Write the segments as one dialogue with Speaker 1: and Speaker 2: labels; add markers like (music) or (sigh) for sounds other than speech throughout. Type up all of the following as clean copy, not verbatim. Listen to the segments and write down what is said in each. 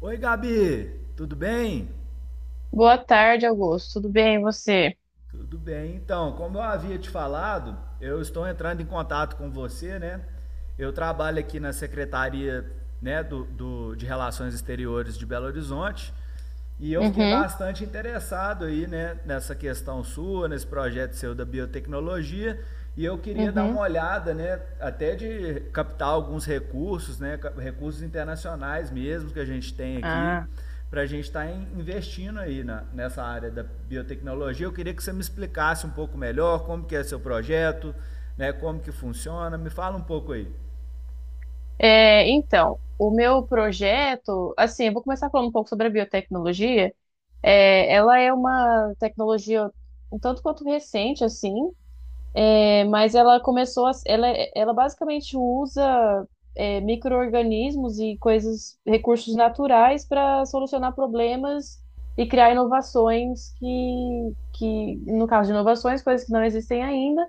Speaker 1: Oi, Gabi, tudo bem?
Speaker 2: Boa tarde, Augusto. Tudo bem, e você?
Speaker 1: Tudo bem. Então, como eu havia te falado, eu estou entrando em contato com você, né? Eu trabalho aqui na Secretaria, né, de Relações Exteriores de Belo Horizonte e eu fiquei
Speaker 2: Uhum,
Speaker 1: bastante interessado aí, né, nessa questão sua, nesse projeto seu da biotecnologia e eu queria dar uma
Speaker 2: uhum.
Speaker 1: olhada, né, até de captar alguns recursos, né, recursos internacionais mesmo que a gente tem aqui
Speaker 2: Ah,
Speaker 1: para a gente estar investindo aí nessa área da biotecnologia. Eu queria que você me explicasse um pouco melhor como que é seu projeto, né, como que funciona. Me fala um pouco aí.
Speaker 2: então, o meu projeto, assim, eu vou começar falando um pouco sobre a biotecnologia. Ela é uma tecnologia um tanto quanto recente, assim, mas ela começou, ela basicamente usa micro-organismos e coisas, recursos naturais para solucionar problemas e criar inovações no caso de inovações, coisas que não existem ainda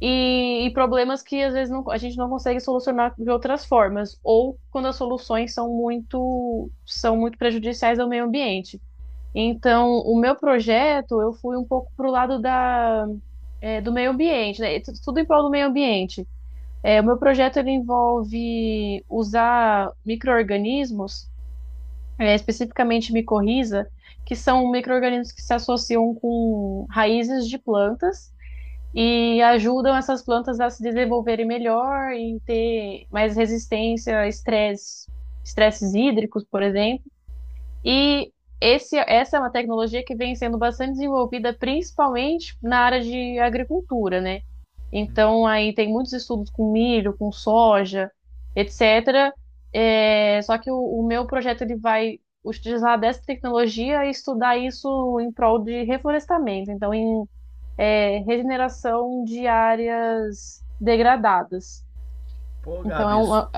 Speaker 2: e problemas que às vezes a gente não consegue solucionar de outras formas, ou quando as soluções são são muito prejudiciais ao meio ambiente. Então, o meu projeto, eu fui um pouco para o lado do meio ambiente, né? Tudo em prol do meio ambiente. O meu projeto ele envolve usar micro-organismos, especificamente micorriza, que são micro-organismos que se associam com raízes de plantas e ajudam essas plantas a se desenvolverem melhor e ter mais resistência a estresse, estresses hídricos, por exemplo. E essa é uma tecnologia que vem sendo bastante desenvolvida, principalmente na área de agricultura, né? Então, aí tem muitos estudos com milho, com soja, etc. Só que o meu projeto ele vai utilizar dessa tecnologia e estudar isso em prol de reflorestamento. Então, em regeneração de áreas degradadas.
Speaker 1: Pô,
Speaker 2: Então, é,
Speaker 1: Gabi,
Speaker 2: uma-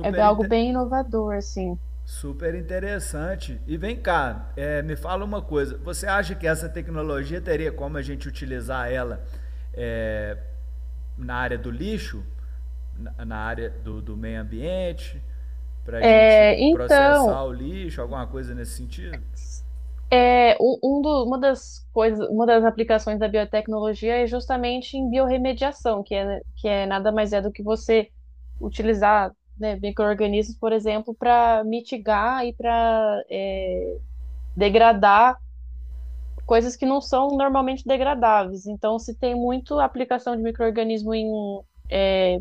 Speaker 2: é é algo
Speaker 1: inter...
Speaker 2: bem inovador, assim.
Speaker 1: super interessante. E vem cá, me fala uma coisa. Você acha que essa tecnologia teria como a gente utilizar ela é, na área do lixo, na área do meio ambiente, para a gente processar
Speaker 2: Então,
Speaker 1: o lixo, alguma coisa nesse sentido?
Speaker 2: uma das aplicações da biotecnologia é justamente em biorremediação, que é nada mais é do que você utilizar, né, micro-organismos, por exemplo, para mitigar e para degradar coisas que não são normalmente degradáveis. Então, se tem muito aplicação de micro-organismo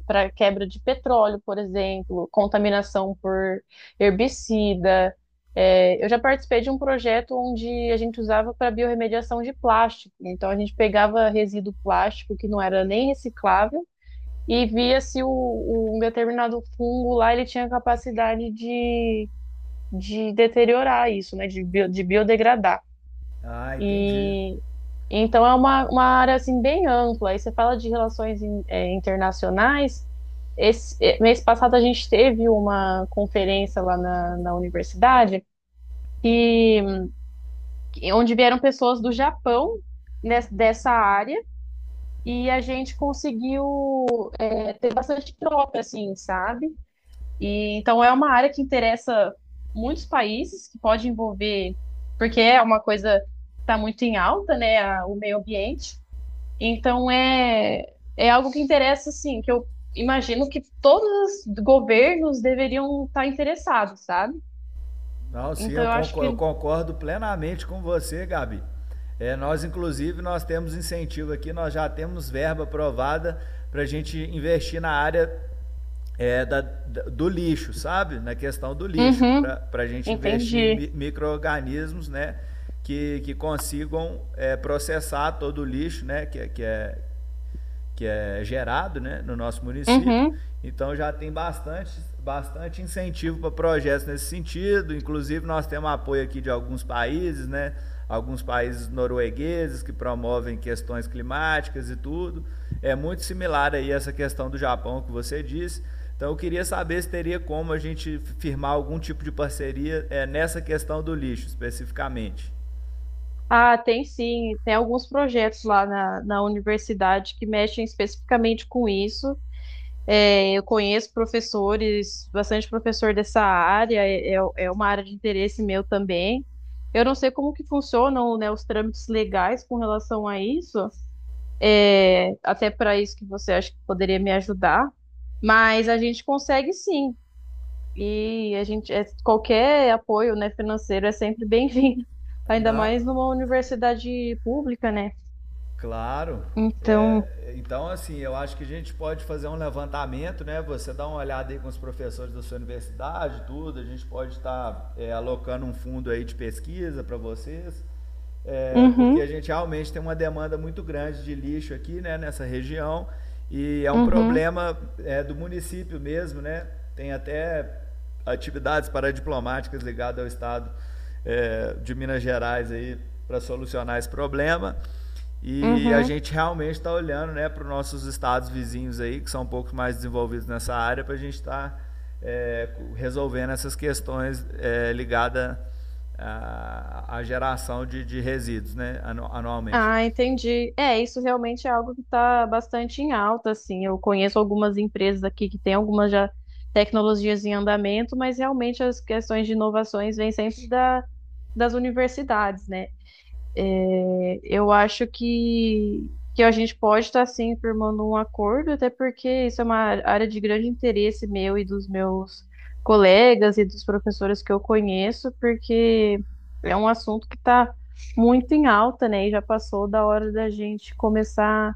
Speaker 2: para quebra de petróleo, por exemplo, contaminação por herbicida. Eu já participei de um projeto onde a gente usava para biorremediação de plástico. Então, a gente pegava resíduo plástico que não era nem reciclável e via se um determinado fungo lá ele tinha capacidade de deteriorar isso, né, de biodegradar.
Speaker 1: Ah, entendi.
Speaker 2: E então é uma, área assim bem ampla. Aí você fala de relações internacionais. Esse mês passado a gente teve uma conferência lá na universidade que, onde vieram pessoas do Japão dessa área e a gente conseguiu ter bastante troca, assim, sabe? E então é uma área que interessa muitos países, que pode envolver, porque é uma coisa que está muito em alta, né? O meio ambiente. Então é algo que interessa, assim, que eu imagino que todos os governos deveriam estar interessados, sabe?
Speaker 1: Não, sim,
Speaker 2: Então eu acho
Speaker 1: eu
Speaker 2: que.
Speaker 1: concordo plenamente com você, Gabi. É, nós, inclusive, nós temos incentivo aqui, nós já temos verba aprovada para a gente investir na área do lixo, sabe? Na questão do lixo,
Speaker 2: Uhum,
Speaker 1: para a gente investir em
Speaker 2: entendi.
Speaker 1: micro-organismos, né? Que, que consigam processar todo o lixo, né? Que é gerado, né, no nosso município.
Speaker 2: Uhum.
Speaker 1: Então já tem bastante incentivo para projetos nesse sentido. Inclusive nós temos apoio aqui de alguns países, né? Alguns países noruegueses que promovem questões climáticas e tudo. É muito similar aí essa questão do Japão que você disse. Então eu queria saber se teria como a gente firmar algum tipo de parceria nessa questão do lixo especificamente.
Speaker 2: Ah, tem sim, tem alguns projetos lá na universidade que mexem especificamente com isso. Eu conheço professores, bastante professor dessa área, é uma área de interesse meu também. Eu não sei como que funcionam, né, os trâmites legais com relação a isso, até para isso que você acha que poderia me ajudar, mas a gente consegue sim. E a gente, qualquer apoio, né, financeiro é sempre bem-vindo, (laughs) ainda
Speaker 1: Não,
Speaker 2: mais numa universidade pública, né?
Speaker 1: claro.
Speaker 2: Então,
Speaker 1: É, então, assim, eu acho que a gente pode fazer um levantamento, né? Você dá uma olhada aí com os professores da sua universidade, tudo. A gente pode estar alocando um fundo aí de pesquisa para vocês, é, porque a
Speaker 2: uhum,
Speaker 1: gente realmente tem uma demanda muito grande de lixo aqui, né? Nessa região e é um
Speaker 2: uhum,
Speaker 1: problema do município mesmo, né? Tem até atividades paradiplomáticas ligadas ao estado de Minas Gerais aí para solucionar esse problema. E a
Speaker 2: uhum.
Speaker 1: gente realmente está olhando, né, para os nossos estados vizinhos aí, que são um pouco mais desenvolvidos nessa área, para a gente é, resolvendo essas questões, é, ligadas à geração de resíduos, né, anualmente.
Speaker 2: Ah, entendi. Isso realmente é algo que está bastante em alta, assim. Eu conheço algumas empresas aqui que têm algumas já tecnologias em andamento, mas realmente as questões de inovações vêm sempre das universidades, né? Eu acho que a gente pode estar sim firmando um acordo, até porque isso é uma área de grande interesse meu e dos meus colegas e dos professores que eu conheço, porque é um assunto que está muito em alta, né? E já passou da hora da gente começar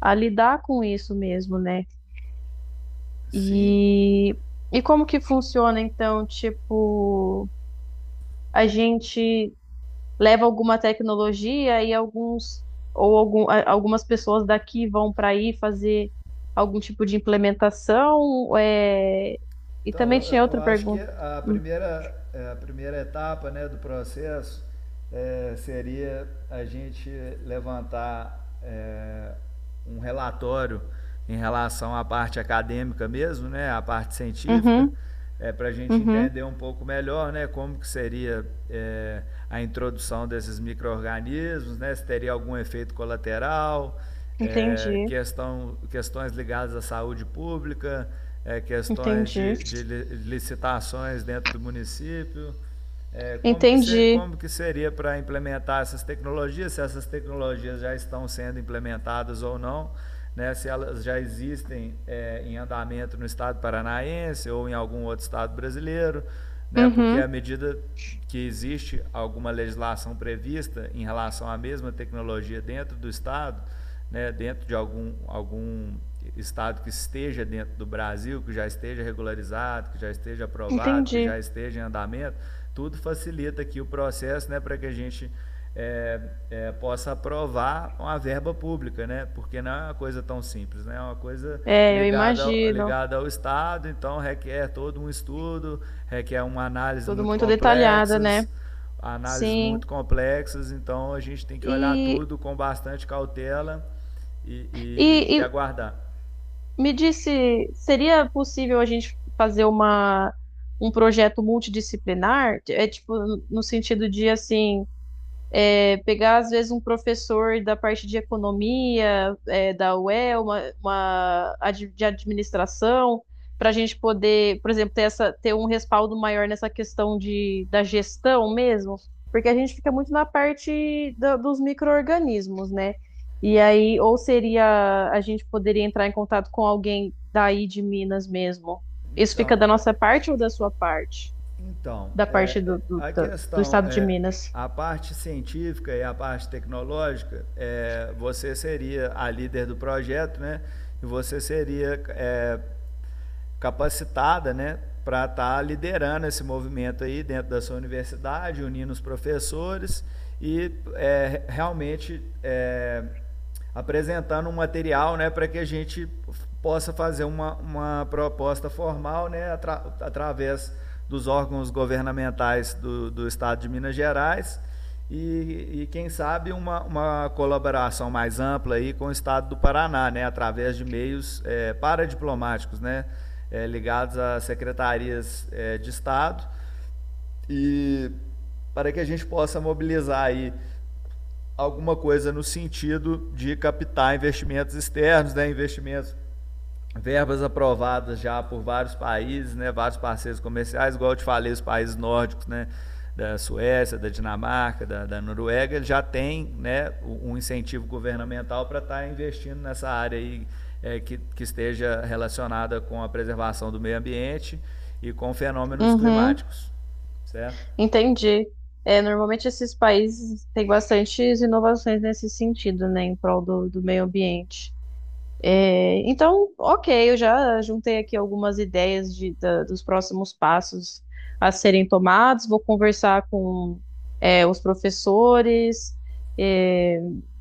Speaker 2: a lidar com isso mesmo, né?
Speaker 1: Sim.
Speaker 2: E, e como que funciona, então, tipo, a gente. Leva alguma tecnologia e alguns ou algum, algumas pessoas daqui vão para aí fazer algum tipo de implementação. E
Speaker 1: Então,
Speaker 2: também
Speaker 1: eu,
Speaker 2: tinha
Speaker 1: eu
Speaker 2: outra
Speaker 1: acho que
Speaker 2: pergunta. Hum,
Speaker 1: a primeira etapa, né, do processo é, seria a gente levantar é, um relatório em relação à parte acadêmica mesmo, né, à parte científica,
Speaker 2: Uhum,
Speaker 1: é, para a gente
Speaker 2: uhum,
Speaker 1: entender um pouco melhor, né, como que seria a introdução desses micro-organismos, né, se teria algum efeito colateral,
Speaker 2: entendi,
Speaker 1: questões ligadas à saúde pública, é, questões
Speaker 2: entendi,
Speaker 1: de licitações dentro do município, é,
Speaker 2: entendi,
Speaker 1: como que seria para implementar essas tecnologias, se essas tecnologias já estão sendo implementadas ou não, né, se elas já existem, é, em andamento no estado paranaense ou em algum outro estado brasileiro, né, porque à
Speaker 2: uhum,
Speaker 1: medida que existe alguma legislação prevista em relação à mesma tecnologia dentro do estado, né, dentro de algum estado que esteja dentro do Brasil, que já esteja regularizado, que já esteja aprovado, que já
Speaker 2: entendi.
Speaker 1: esteja em andamento, tudo facilita aqui o processo, né, para que a gente é, possa aprovar uma verba pública, né? Porque não é uma coisa tão simples, né? É uma coisa
Speaker 2: Eu imagino,
Speaker 1: ligada ao Estado, então requer todo um estudo, requer uma análise
Speaker 2: tudo
Speaker 1: muito
Speaker 2: muito
Speaker 1: complexa,
Speaker 2: detalhada, né?
Speaker 1: análises muito
Speaker 2: Sim.
Speaker 1: complexas, então a gente tem que olhar
Speaker 2: E,
Speaker 1: tudo com bastante cautela e
Speaker 2: e,
Speaker 1: aguardar.
Speaker 2: Me disse, seria possível a gente fazer um projeto multidisciplinar? É tipo, no sentido de assim. É pegar, às vezes, um professor da parte de economia, da UEL, de administração, para a gente poder, por exemplo, ter um respaldo maior nessa questão da gestão mesmo, porque a gente fica muito na parte dos micro-organismos, né? E aí, ou seria, a gente poderia entrar em contato com alguém daí de Minas mesmo. Isso fica
Speaker 1: Então,
Speaker 2: da nossa parte ou da sua parte?
Speaker 1: Então,
Speaker 2: Da
Speaker 1: é,
Speaker 2: parte
Speaker 1: a
Speaker 2: do
Speaker 1: questão
Speaker 2: estado de
Speaker 1: é
Speaker 2: Minas.
Speaker 1: a parte científica e a parte tecnológica. É, você seria a líder do projeto, né? E você seria, é, capacitada, né, para estar liderando esse movimento aí dentro da sua universidade, unindo os professores e é, realmente é, apresentando um material, né, para que a gente possa fazer uma proposta formal, né, através dos órgãos governamentais do Estado de Minas Gerais e quem sabe, uma colaboração mais ampla aí com o Estado do Paraná, né, através de meios eh, paradiplomáticos, né, eh, ligados a secretarias eh, de Estado e para que a gente possa mobilizar aí alguma coisa no sentido de captar investimentos externos, né, investimentos, verbas aprovadas já por vários países, né, vários parceiros comerciais, igual eu te falei, os países nórdicos, né, da Suécia, da Dinamarca, da Noruega, já tem, né, um incentivo governamental para estar investindo nessa área aí, é, que esteja relacionada com a preservação do meio ambiente e com fenômenos
Speaker 2: Uhum.
Speaker 1: climáticos, certo?
Speaker 2: Entendi. Normalmente esses países têm bastantes inovações nesse sentido, né, em prol do meio ambiente. Então, ok, eu já juntei aqui algumas ideias dos próximos passos a serem tomados. Vou conversar com, os professores, é,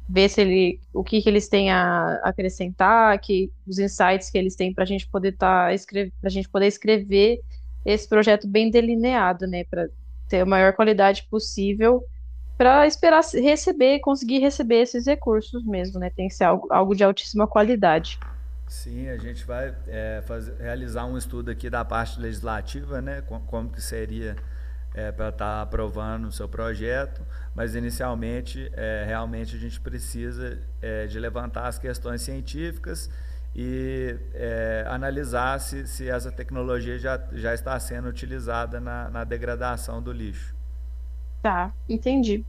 Speaker 2: ver se o que que eles têm a acrescentar, que os insights que eles têm para a gente poder tá, escrever, para gente poder escrever esse projeto bem delineado, né, para ter a maior qualidade possível. Para esperar receber, conseguir receber esses recursos mesmo, né? Tem que ser algo de altíssima qualidade.
Speaker 1: Sim, a gente vai realizar um estudo aqui da parte legislativa, né? Como que seria é, para estar aprovando o seu projeto, mas inicialmente, é, realmente a gente precisa é, de levantar as questões científicas e é, analisar se essa tecnologia já está sendo utilizada na degradação do lixo.
Speaker 2: Tá, entendi.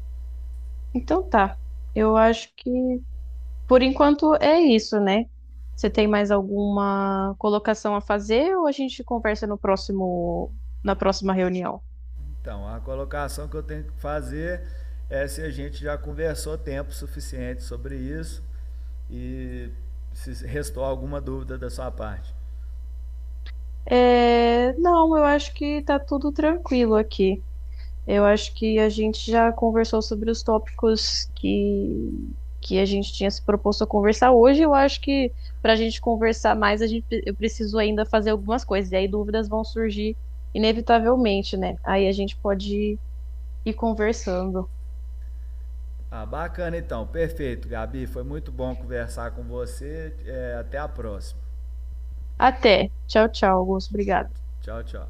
Speaker 2: Então tá. Eu acho que por enquanto é isso, né? Você tem mais alguma colocação a fazer ou a gente conversa no próximo, na próxima reunião?
Speaker 1: Então, a colocação que eu tenho que fazer é se a gente já conversou tempo suficiente sobre isso e se restou alguma dúvida da sua parte.
Speaker 2: Não, eu acho que tá tudo tranquilo aqui. Eu acho que a gente já conversou sobre os tópicos que a gente tinha se proposto a conversar hoje. Eu acho que para a gente conversar mais, a gente, eu preciso ainda fazer algumas coisas, e aí dúvidas vão surgir inevitavelmente, né? Aí a gente pode ir conversando.
Speaker 1: Ah, bacana então, perfeito, Gabi. Foi muito bom conversar com você. É, até a próxima.
Speaker 2: Até. Tchau, tchau, Augusto. Obrigada.
Speaker 1: Tchau, tchau.